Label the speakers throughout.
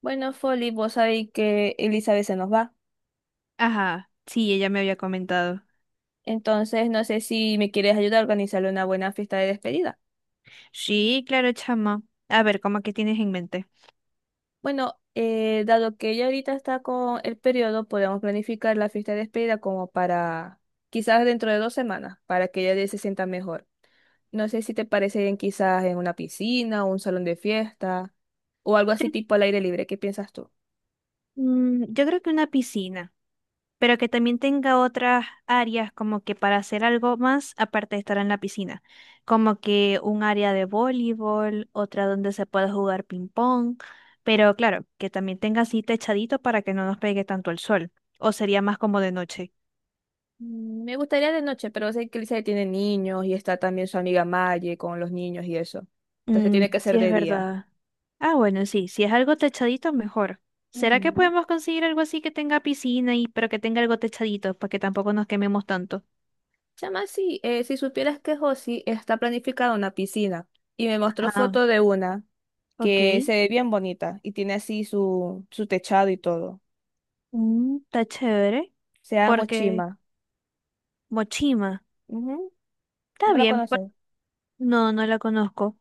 Speaker 1: Bueno, Folly, vos sabéis que Elizabeth se nos va.
Speaker 2: Ajá, sí, ella me había comentado.
Speaker 1: Entonces, no sé si me quieres ayudar a organizarle una buena fiesta de despedida.
Speaker 2: Sí, claro, chama. A ver, ¿cómo que tienes en mente?
Speaker 1: Bueno, dado que ella ahorita está con el periodo, podemos planificar la fiesta de despedida como para quizás dentro de 2 semanas, para que ella se sienta mejor. No sé si te parece bien quizás en una piscina o un salón de fiesta o algo así tipo al aire libre. ¿Qué piensas tú?
Speaker 2: Mm, yo creo que una piscina, pero que también tenga otras áreas como que para hacer algo más aparte de estar en la piscina, como que un área de voleibol, otra donde se pueda jugar ping pong, pero claro, que también tenga así techadito para que no nos pegue tanto el sol, o sería más como de noche.
Speaker 1: Me gustaría de noche, pero sé que Lisa tiene niños y está también su amiga Maye con los niños y eso. Entonces
Speaker 2: Mm,
Speaker 1: tiene que
Speaker 2: sí,
Speaker 1: ser
Speaker 2: es
Speaker 1: de día.
Speaker 2: verdad. Ah, bueno, sí, si es algo techadito, mejor. ¿Será que
Speaker 1: Ujú.
Speaker 2: podemos conseguir algo así que tenga piscina y pero que tenga algo techadito para que tampoco nos quememos tanto?
Speaker 1: Chama, sí, si supieras que Josie está planificada una piscina y me mostró
Speaker 2: Ah,
Speaker 1: foto de una
Speaker 2: ok.
Speaker 1: que se ve bien bonita y tiene así su techado y todo.
Speaker 2: Mm, está chévere.
Speaker 1: Se llama
Speaker 2: Porque
Speaker 1: Mochima.
Speaker 2: Mochima,
Speaker 1: Ujú.
Speaker 2: está
Speaker 1: ¿No la
Speaker 2: bien.
Speaker 1: conoces?
Speaker 2: No, no la conozco.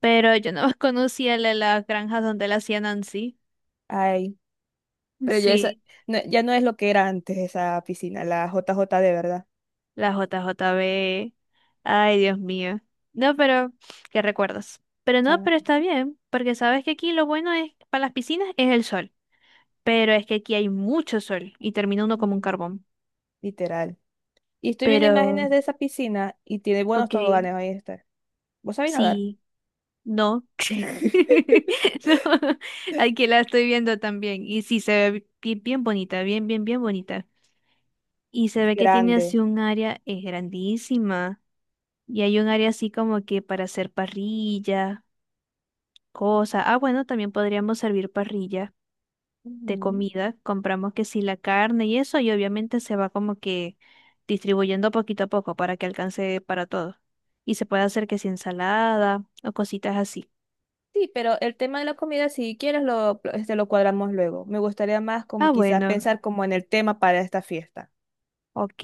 Speaker 2: Pero yo no conocía las granjas donde la hacía Nancy.
Speaker 1: Ay, pero ya, esa,
Speaker 2: Sí,
Speaker 1: ya no es lo que era antes esa piscina, la J J de verdad.
Speaker 2: la J J B. Ay, Dios mío. No, pero, ¿qué recuerdas? Pero no,
Speaker 1: Chama.
Speaker 2: pero está bien, porque sabes que aquí lo bueno es para las piscinas es el sol. Pero es que aquí hay mucho sol y termina uno como un
Speaker 1: Ujú.
Speaker 2: carbón.
Speaker 1: Literal. Y estoy viendo
Speaker 2: Pero,
Speaker 1: imágenes de esa piscina y tiene buenos
Speaker 2: ok,
Speaker 1: toboganes, ahí está. ¿Vos sabés nadar?
Speaker 2: sí, no. No, aquí la estoy viendo también. Y sí, se ve bien, bien bonita, bien, bien, bien bonita. Y
Speaker 1: Es
Speaker 2: se ve que tiene
Speaker 1: grande.
Speaker 2: así un área, es grandísima. Y hay un área así como que para hacer parrilla, cosas. Ah, bueno, también podríamos servir parrilla. De
Speaker 1: Ujú.
Speaker 2: comida, compramos que sí la carne y eso, y obviamente se va como que distribuyendo poquito a poco para que alcance para todos. Y se puede hacer que sí ensalada o cositas así.
Speaker 1: Sí, pero el tema de la comida, si quieres, lo cuadramos luego. Me gustaría más como
Speaker 2: Ah,
Speaker 1: quizás
Speaker 2: bueno,
Speaker 1: pensar como en el tema para esta fiesta.
Speaker 2: ok.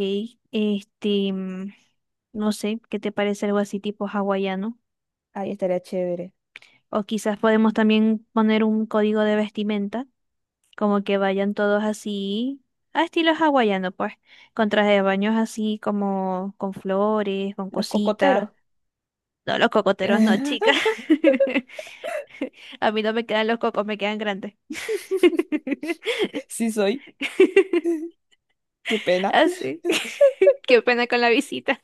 Speaker 2: Este, mm, no sé, ¿qué te parece algo así tipo hawaiano?
Speaker 1: Ahí estaría chévere.
Speaker 2: O quizás podemos también poner un código de vestimenta, como que vayan todos así, a estilo hawaiano, pues, con trajes de baños así como con flores, con
Speaker 1: Los
Speaker 2: cositas.
Speaker 1: cocoteros.
Speaker 2: No, los cocoteros no, chica. A mí no me quedan los cocos, me quedan grandes.
Speaker 1: Sí soy, qué pena.
Speaker 2: Así. Qué pena con la visita.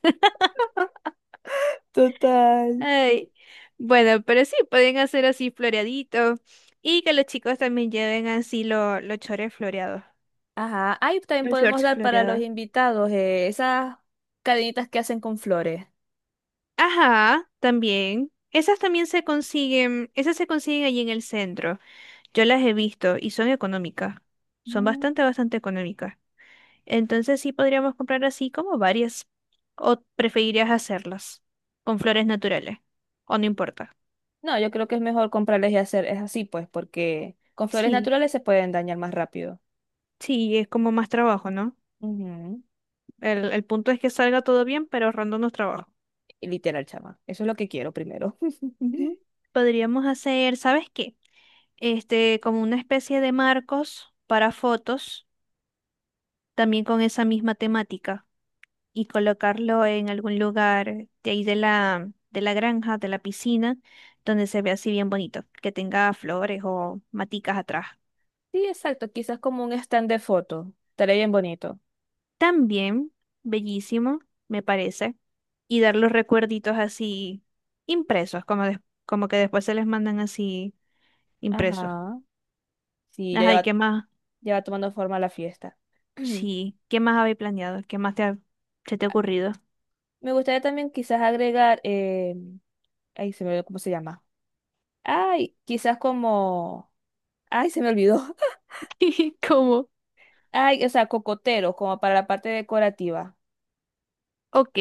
Speaker 1: Total.
Speaker 2: Ay. Bueno, pero sí, pueden hacer así floreadito. Y que los chicos también lleven así los chores floreados.
Speaker 1: Ajá, ahí también
Speaker 2: Los
Speaker 1: podemos
Speaker 2: shorts
Speaker 1: dar para los
Speaker 2: floreados.
Speaker 1: invitados esas cadenitas que hacen con flores.
Speaker 2: Ajá, también. Esas también se consiguen, esas se consiguen allí en el centro. Yo las he visto y son económicas. Son
Speaker 1: Mm.
Speaker 2: bastante, bastante económicas. Entonces sí podríamos comprar así como varias. ¿O preferirías hacerlas con flores naturales? ¿O no importa?
Speaker 1: No, yo creo que es mejor comprarles y hacer, es así pues, porque con flores
Speaker 2: Sí,
Speaker 1: naturales se pueden dañar más rápido.
Speaker 2: sí, es como más trabajo, ¿no?
Speaker 1: Ujú.
Speaker 2: El punto es que salga todo bien, pero ahorrándonos trabajo.
Speaker 1: Y literal, chama. Eso es lo que quiero primero.
Speaker 2: Ujú. Podríamos hacer, ¿sabes qué? Este, como una especie de marcos para fotos, también con esa misma temática. Y colocarlo en algún lugar de ahí de la granja, de la piscina, donde se vea así bien bonito, que tenga flores o maticas atrás.
Speaker 1: Sí, exacto. Quizás como un stand de foto. Estaría bien bonito.
Speaker 2: También, bellísimo, me parece, y dar los recuerditos así impresos, como que después se les mandan así impresos.
Speaker 1: Ajá. Sí,
Speaker 2: Ajá, ¿y qué más?
Speaker 1: ya va tomando forma la fiesta.
Speaker 2: Sí, ¿qué más habéis planeado? ¿Qué más te ha- ¿Se te ha ocurrido?
Speaker 1: Me gustaría también quizás agregar, ay, se me olvidó cómo se llama. Ay, quizás como, ay, se me olvidó.
Speaker 2: ¿Cómo?
Speaker 1: Ay, o sea, cocoteros, como para la parte decorativa.
Speaker 2: Ok,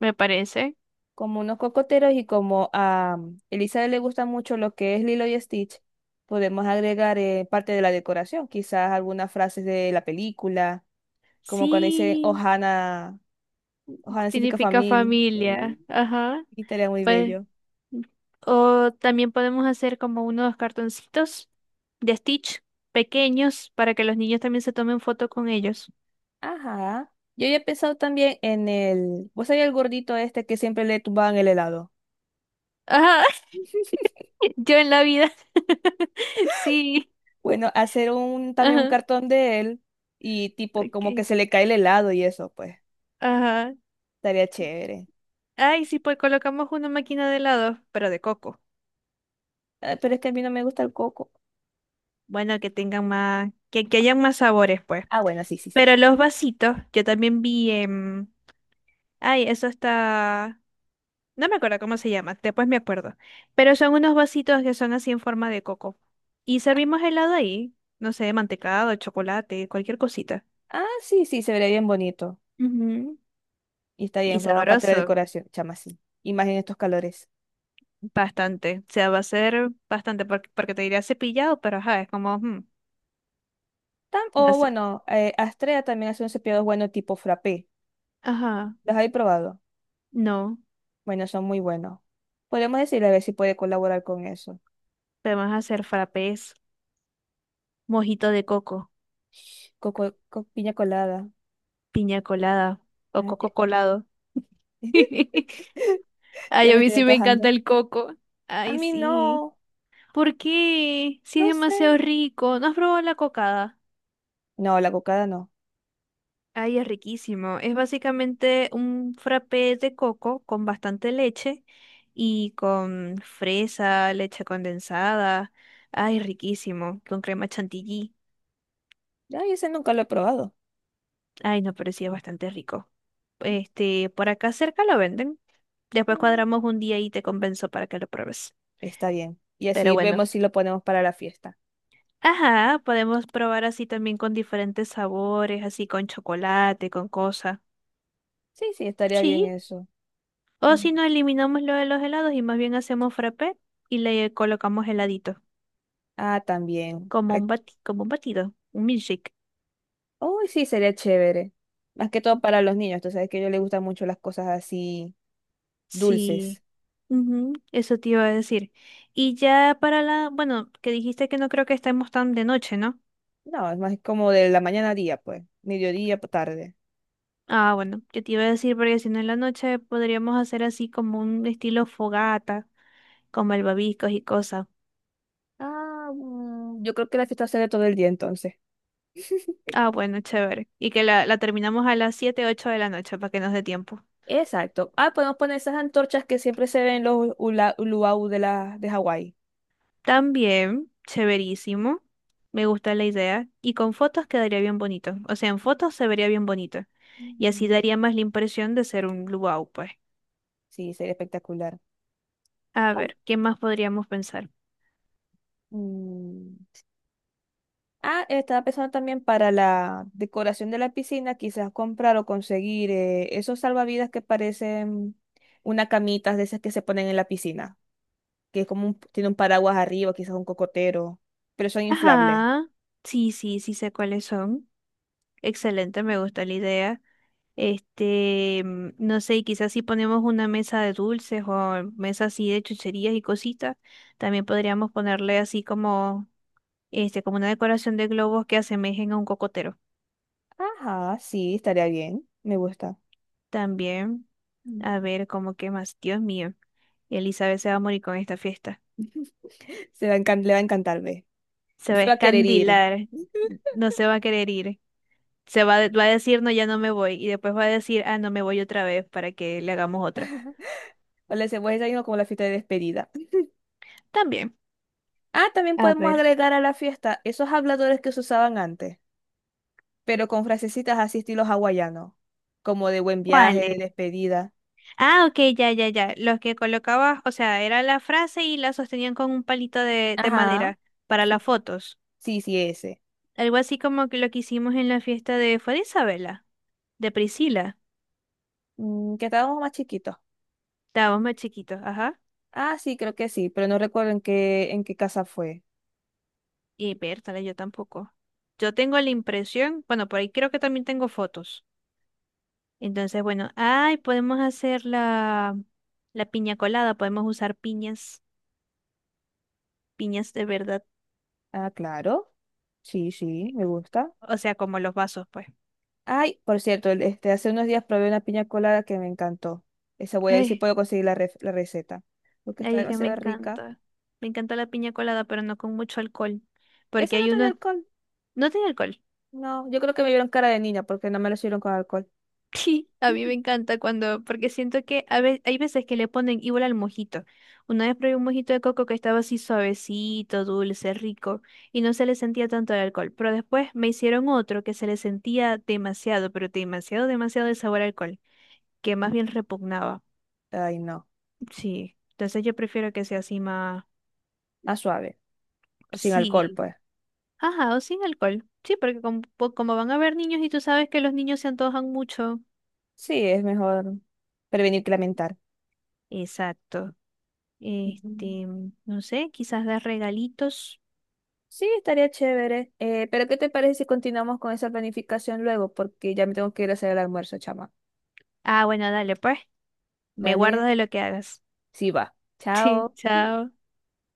Speaker 2: me parece.
Speaker 1: Como unos cocoteros y como a Elizabeth le gusta mucho lo que es Lilo y Stitch, podemos agregar parte de la decoración, quizás algunas frases de la película, como cuando dice
Speaker 2: Sí,
Speaker 1: Ohana, Ohana significa
Speaker 2: significa
Speaker 1: familia.
Speaker 2: familia. Ajá.
Speaker 1: Y estaría muy
Speaker 2: Pues,
Speaker 1: bello.
Speaker 2: o también podemos hacer como unos cartoncitos de Stitch pequeños para que los niños también se tomen foto con ellos.
Speaker 1: Ajá. Yo ya he pensado también en el. ¿Vos sabés el gordito este que siempre le tumbaban el helado?
Speaker 2: Ajá, yo en la vida. Sí,
Speaker 1: Bueno, hacer un también un
Speaker 2: ajá,
Speaker 1: cartón de él y tipo como que
Speaker 2: ok,
Speaker 1: se le cae el helado y eso, pues,
Speaker 2: ajá.
Speaker 1: estaría chévere.
Speaker 2: Ay, sí, pues colocamos una máquina de helado, pero de coco.
Speaker 1: Ah, pero es que a mí no me gusta el coco.
Speaker 2: Bueno, que tengan más, que hayan más sabores, pues.
Speaker 1: Ah, bueno, sí, sí, sí.
Speaker 2: Pero los vasitos, yo también vi en... Ay, eso está... No me acuerdo cómo se llama, después me acuerdo. Pero son unos vasitos que son así en forma de coco. Y servimos helado ahí, no sé, mantecado, chocolate, cualquier cosita.
Speaker 1: Ah, sí, sí, se vería bien bonito.
Speaker 2: Ujú.
Speaker 1: Y está bien,
Speaker 2: Y
Speaker 1: forma parte de la
Speaker 2: sabroso,
Speaker 1: decoración, chama, sí. Y más en estos calores.
Speaker 2: bastante. O sea, va a ser bastante, porque te diría cepillado, pero ajá, es como,
Speaker 1: Tam-
Speaker 2: no
Speaker 1: o
Speaker 2: sé.
Speaker 1: bueno, Astrea también hace un cepillado bueno tipo frappé.
Speaker 2: Ajá,
Speaker 1: ¿Los habéis probado?
Speaker 2: no.
Speaker 1: Bueno, son muy buenos. Podemos decirle a ver si puede colaborar con eso.
Speaker 2: Podemos hacer frappés, mojito de coco,
Speaker 1: Piña colada.
Speaker 2: piña colada o
Speaker 1: Ah, ya
Speaker 2: coco colado.
Speaker 1: ya
Speaker 2: Ay, a
Speaker 1: me
Speaker 2: mí
Speaker 1: estoy
Speaker 2: sí me
Speaker 1: antojando.
Speaker 2: encanta el coco.
Speaker 1: A
Speaker 2: Ay,
Speaker 1: mí
Speaker 2: sí.
Speaker 1: no.
Speaker 2: ¿Por qué? Si es
Speaker 1: No sé.
Speaker 2: demasiado rico. ¿No has probado la cocada?
Speaker 1: No, la cocada no.
Speaker 2: Ay, es riquísimo. Es básicamente un frappé de coco con bastante leche y con fresa, leche condensada. Ay, riquísimo. Con crema chantilly.
Speaker 1: Ay, ese nunca lo he probado.
Speaker 2: Ay, no, pero sí es bastante rico. Este, por acá cerca lo venden.
Speaker 1: Ya.
Speaker 2: Después cuadramos un día y te compenso para que lo pruebes.
Speaker 1: Está bien. Y
Speaker 2: Pero
Speaker 1: así
Speaker 2: bueno.
Speaker 1: vemos si lo ponemos para la fiesta.
Speaker 2: Ajá, podemos probar así también con diferentes sabores, así con chocolate, con cosas.
Speaker 1: Sí, sí, estaría bien
Speaker 2: Sí,
Speaker 1: eso.
Speaker 2: o
Speaker 1: Mm.
Speaker 2: si no eliminamos lo de los helados y más bien hacemos frappé y le colocamos heladito,
Speaker 1: Ah, también. Ay,
Speaker 2: como un batido, un milkshake.
Speaker 1: oh, sí, sería chévere. Más que todo para los niños. Tú sabes que a ellos les gustan mucho las cosas así dulces.
Speaker 2: Sí, ujú, eso te iba a decir. Y ya para la, bueno, que dijiste que no creo que estemos tan de noche, ¿no?
Speaker 1: No, es más como de la mañana a día, pues. Mediodía, tarde.
Speaker 2: Ah, bueno, yo te iba a decir porque si no en la noche podríamos hacer así como un estilo fogata, como albabicos y cosas.
Speaker 1: Ah, mm, yo creo que la fiesta será todo el día entonces.
Speaker 2: Ah, bueno, chévere. Y que la terminamos a las 7 8 de la noche para que nos dé tiempo.
Speaker 1: Exacto. Ah, podemos poner esas antorchas que siempre se ven en los luau de, la, de Hawái.
Speaker 2: También, severísimo. Me gusta la idea. Y con fotos quedaría bien bonito. O sea, en fotos se vería bien bonito. Y así
Speaker 1: Mm.
Speaker 2: daría más la impresión de ser un luau, pues.
Speaker 1: Sí, sería espectacular.
Speaker 2: A
Speaker 1: Ah,
Speaker 2: ver, ¿qué más podríamos pensar?
Speaker 1: mm, ah, estaba pensando también para la decoración de la piscina, quizás comprar o conseguir esos salvavidas que parecen una camita de esas que se ponen en la piscina, que es como tiene un paraguas arriba, quizás un cocotero, pero son inflables.
Speaker 2: Ajá. Sí, sí, sí sé cuáles son. Excelente, me gusta la idea. Este, mm, no sé, y quizás si ponemos una mesa de dulces o mesa así de chucherías y cositas, también podríamos ponerle así como, este, como una decoración de globos que asemejen a un cocotero.
Speaker 1: Ajá, sí, estaría bien, me gusta.
Speaker 2: También.
Speaker 1: Mm.
Speaker 2: A ver, ¿cómo qué más? Dios mío. Elizabeth se va a morir con esta fiesta.
Speaker 1: Se va a le va a encantar, ve.
Speaker 2: Se
Speaker 1: No
Speaker 2: va a
Speaker 1: se va a querer ir.
Speaker 2: escandilar. No se va a querer ir. Va a decir, no, ya no me voy. Y después va a decir, ah, no me voy otra vez para que le hagamos otra.
Speaker 1: O le hacemos desayuno como la fiesta de despedida.
Speaker 2: También.
Speaker 1: Ah, también
Speaker 2: A
Speaker 1: podemos
Speaker 2: ver.
Speaker 1: agregar a la fiesta esos habladores que se usaban antes, pero con frasecitas así estilo hawaiano, como de buen viaje,
Speaker 2: ¿Cuáles?
Speaker 1: de despedida.
Speaker 2: Ah, ok, ya, ya, ya. Los que colocabas, o sea, era la frase y la sostenían con un palito de
Speaker 1: Ajá.
Speaker 2: madera para las
Speaker 1: Sí,
Speaker 2: fotos.
Speaker 1: sí, sí, ese.
Speaker 2: Algo así como que lo que hicimos en la fiesta de, fue de Isabela, de Priscila.
Speaker 1: Mm, que estábamos más chiquitos.
Speaker 2: Estábamos más chiquitos, ajá.
Speaker 1: Ah, sí, creo que sí, pero no recuerdo en qué casa fue.
Speaker 2: Y Bertale, yo tampoco. Yo tengo la impresión, bueno, por ahí creo que también tengo fotos. Entonces, bueno, ay, podemos hacer la piña colada, podemos usar piñas, piñas de verdad.
Speaker 1: Ah, claro. Sí, sí, me gusta.
Speaker 2: O sea, como los vasos, pues.
Speaker 1: Ay, por cierto, hace unos días probé una piña colada que me encantó. Esa voy a ver si
Speaker 2: Ay,
Speaker 1: puedo conseguir la receta, porque está
Speaker 2: ay, es que me
Speaker 1: demasiado rica.
Speaker 2: encanta. Me encanta la piña colada, pero no con mucho alcohol.
Speaker 1: Esa
Speaker 2: Porque
Speaker 1: no
Speaker 2: hay
Speaker 1: tiene
Speaker 2: unos,
Speaker 1: alcohol.
Speaker 2: no tiene alcohol.
Speaker 1: No, yo creo que me vieron cara de niña porque no me lo sirvieron con alcohol.
Speaker 2: Sí, a mí me encanta cuando, porque siento que hay veces que le ponen igual al mojito. Una vez probé un mojito de coco que estaba así suavecito, dulce, rico, y no se le sentía tanto el alcohol. Pero después me hicieron otro que se le sentía demasiado, pero demasiado, demasiado el sabor a alcohol, que más bien repugnaba.
Speaker 1: Ay, no.
Speaker 2: Sí, entonces yo prefiero que sea así más,
Speaker 1: Más suave. O sin alcohol,
Speaker 2: sí,
Speaker 1: pues.
Speaker 2: ajá, o sin alcohol. Sí, porque como, como van a haber niños y tú sabes que los niños se antojan mucho.
Speaker 1: Sí, es mejor prevenir que lamentar.
Speaker 2: Exacto.
Speaker 1: Ujú.
Speaker 2: Este, no sé, quizás dar regalitos.
Speaker 1: Sí, estaría chévere. ¿Pero qué te parece si continuamos con esa planificación luego? Porque ya me tengo que ir a hacer el almuerzo, chama.
Speaker 2: Ah, bueno, dale, pues. Me guardo
Speaker 1: Dale.
Speaker 2: de lo que hagas.
Speaker 1: Sí, va.
Speaker 2: Sí,
Speaker 1: Chao.
Speaker 2: chao.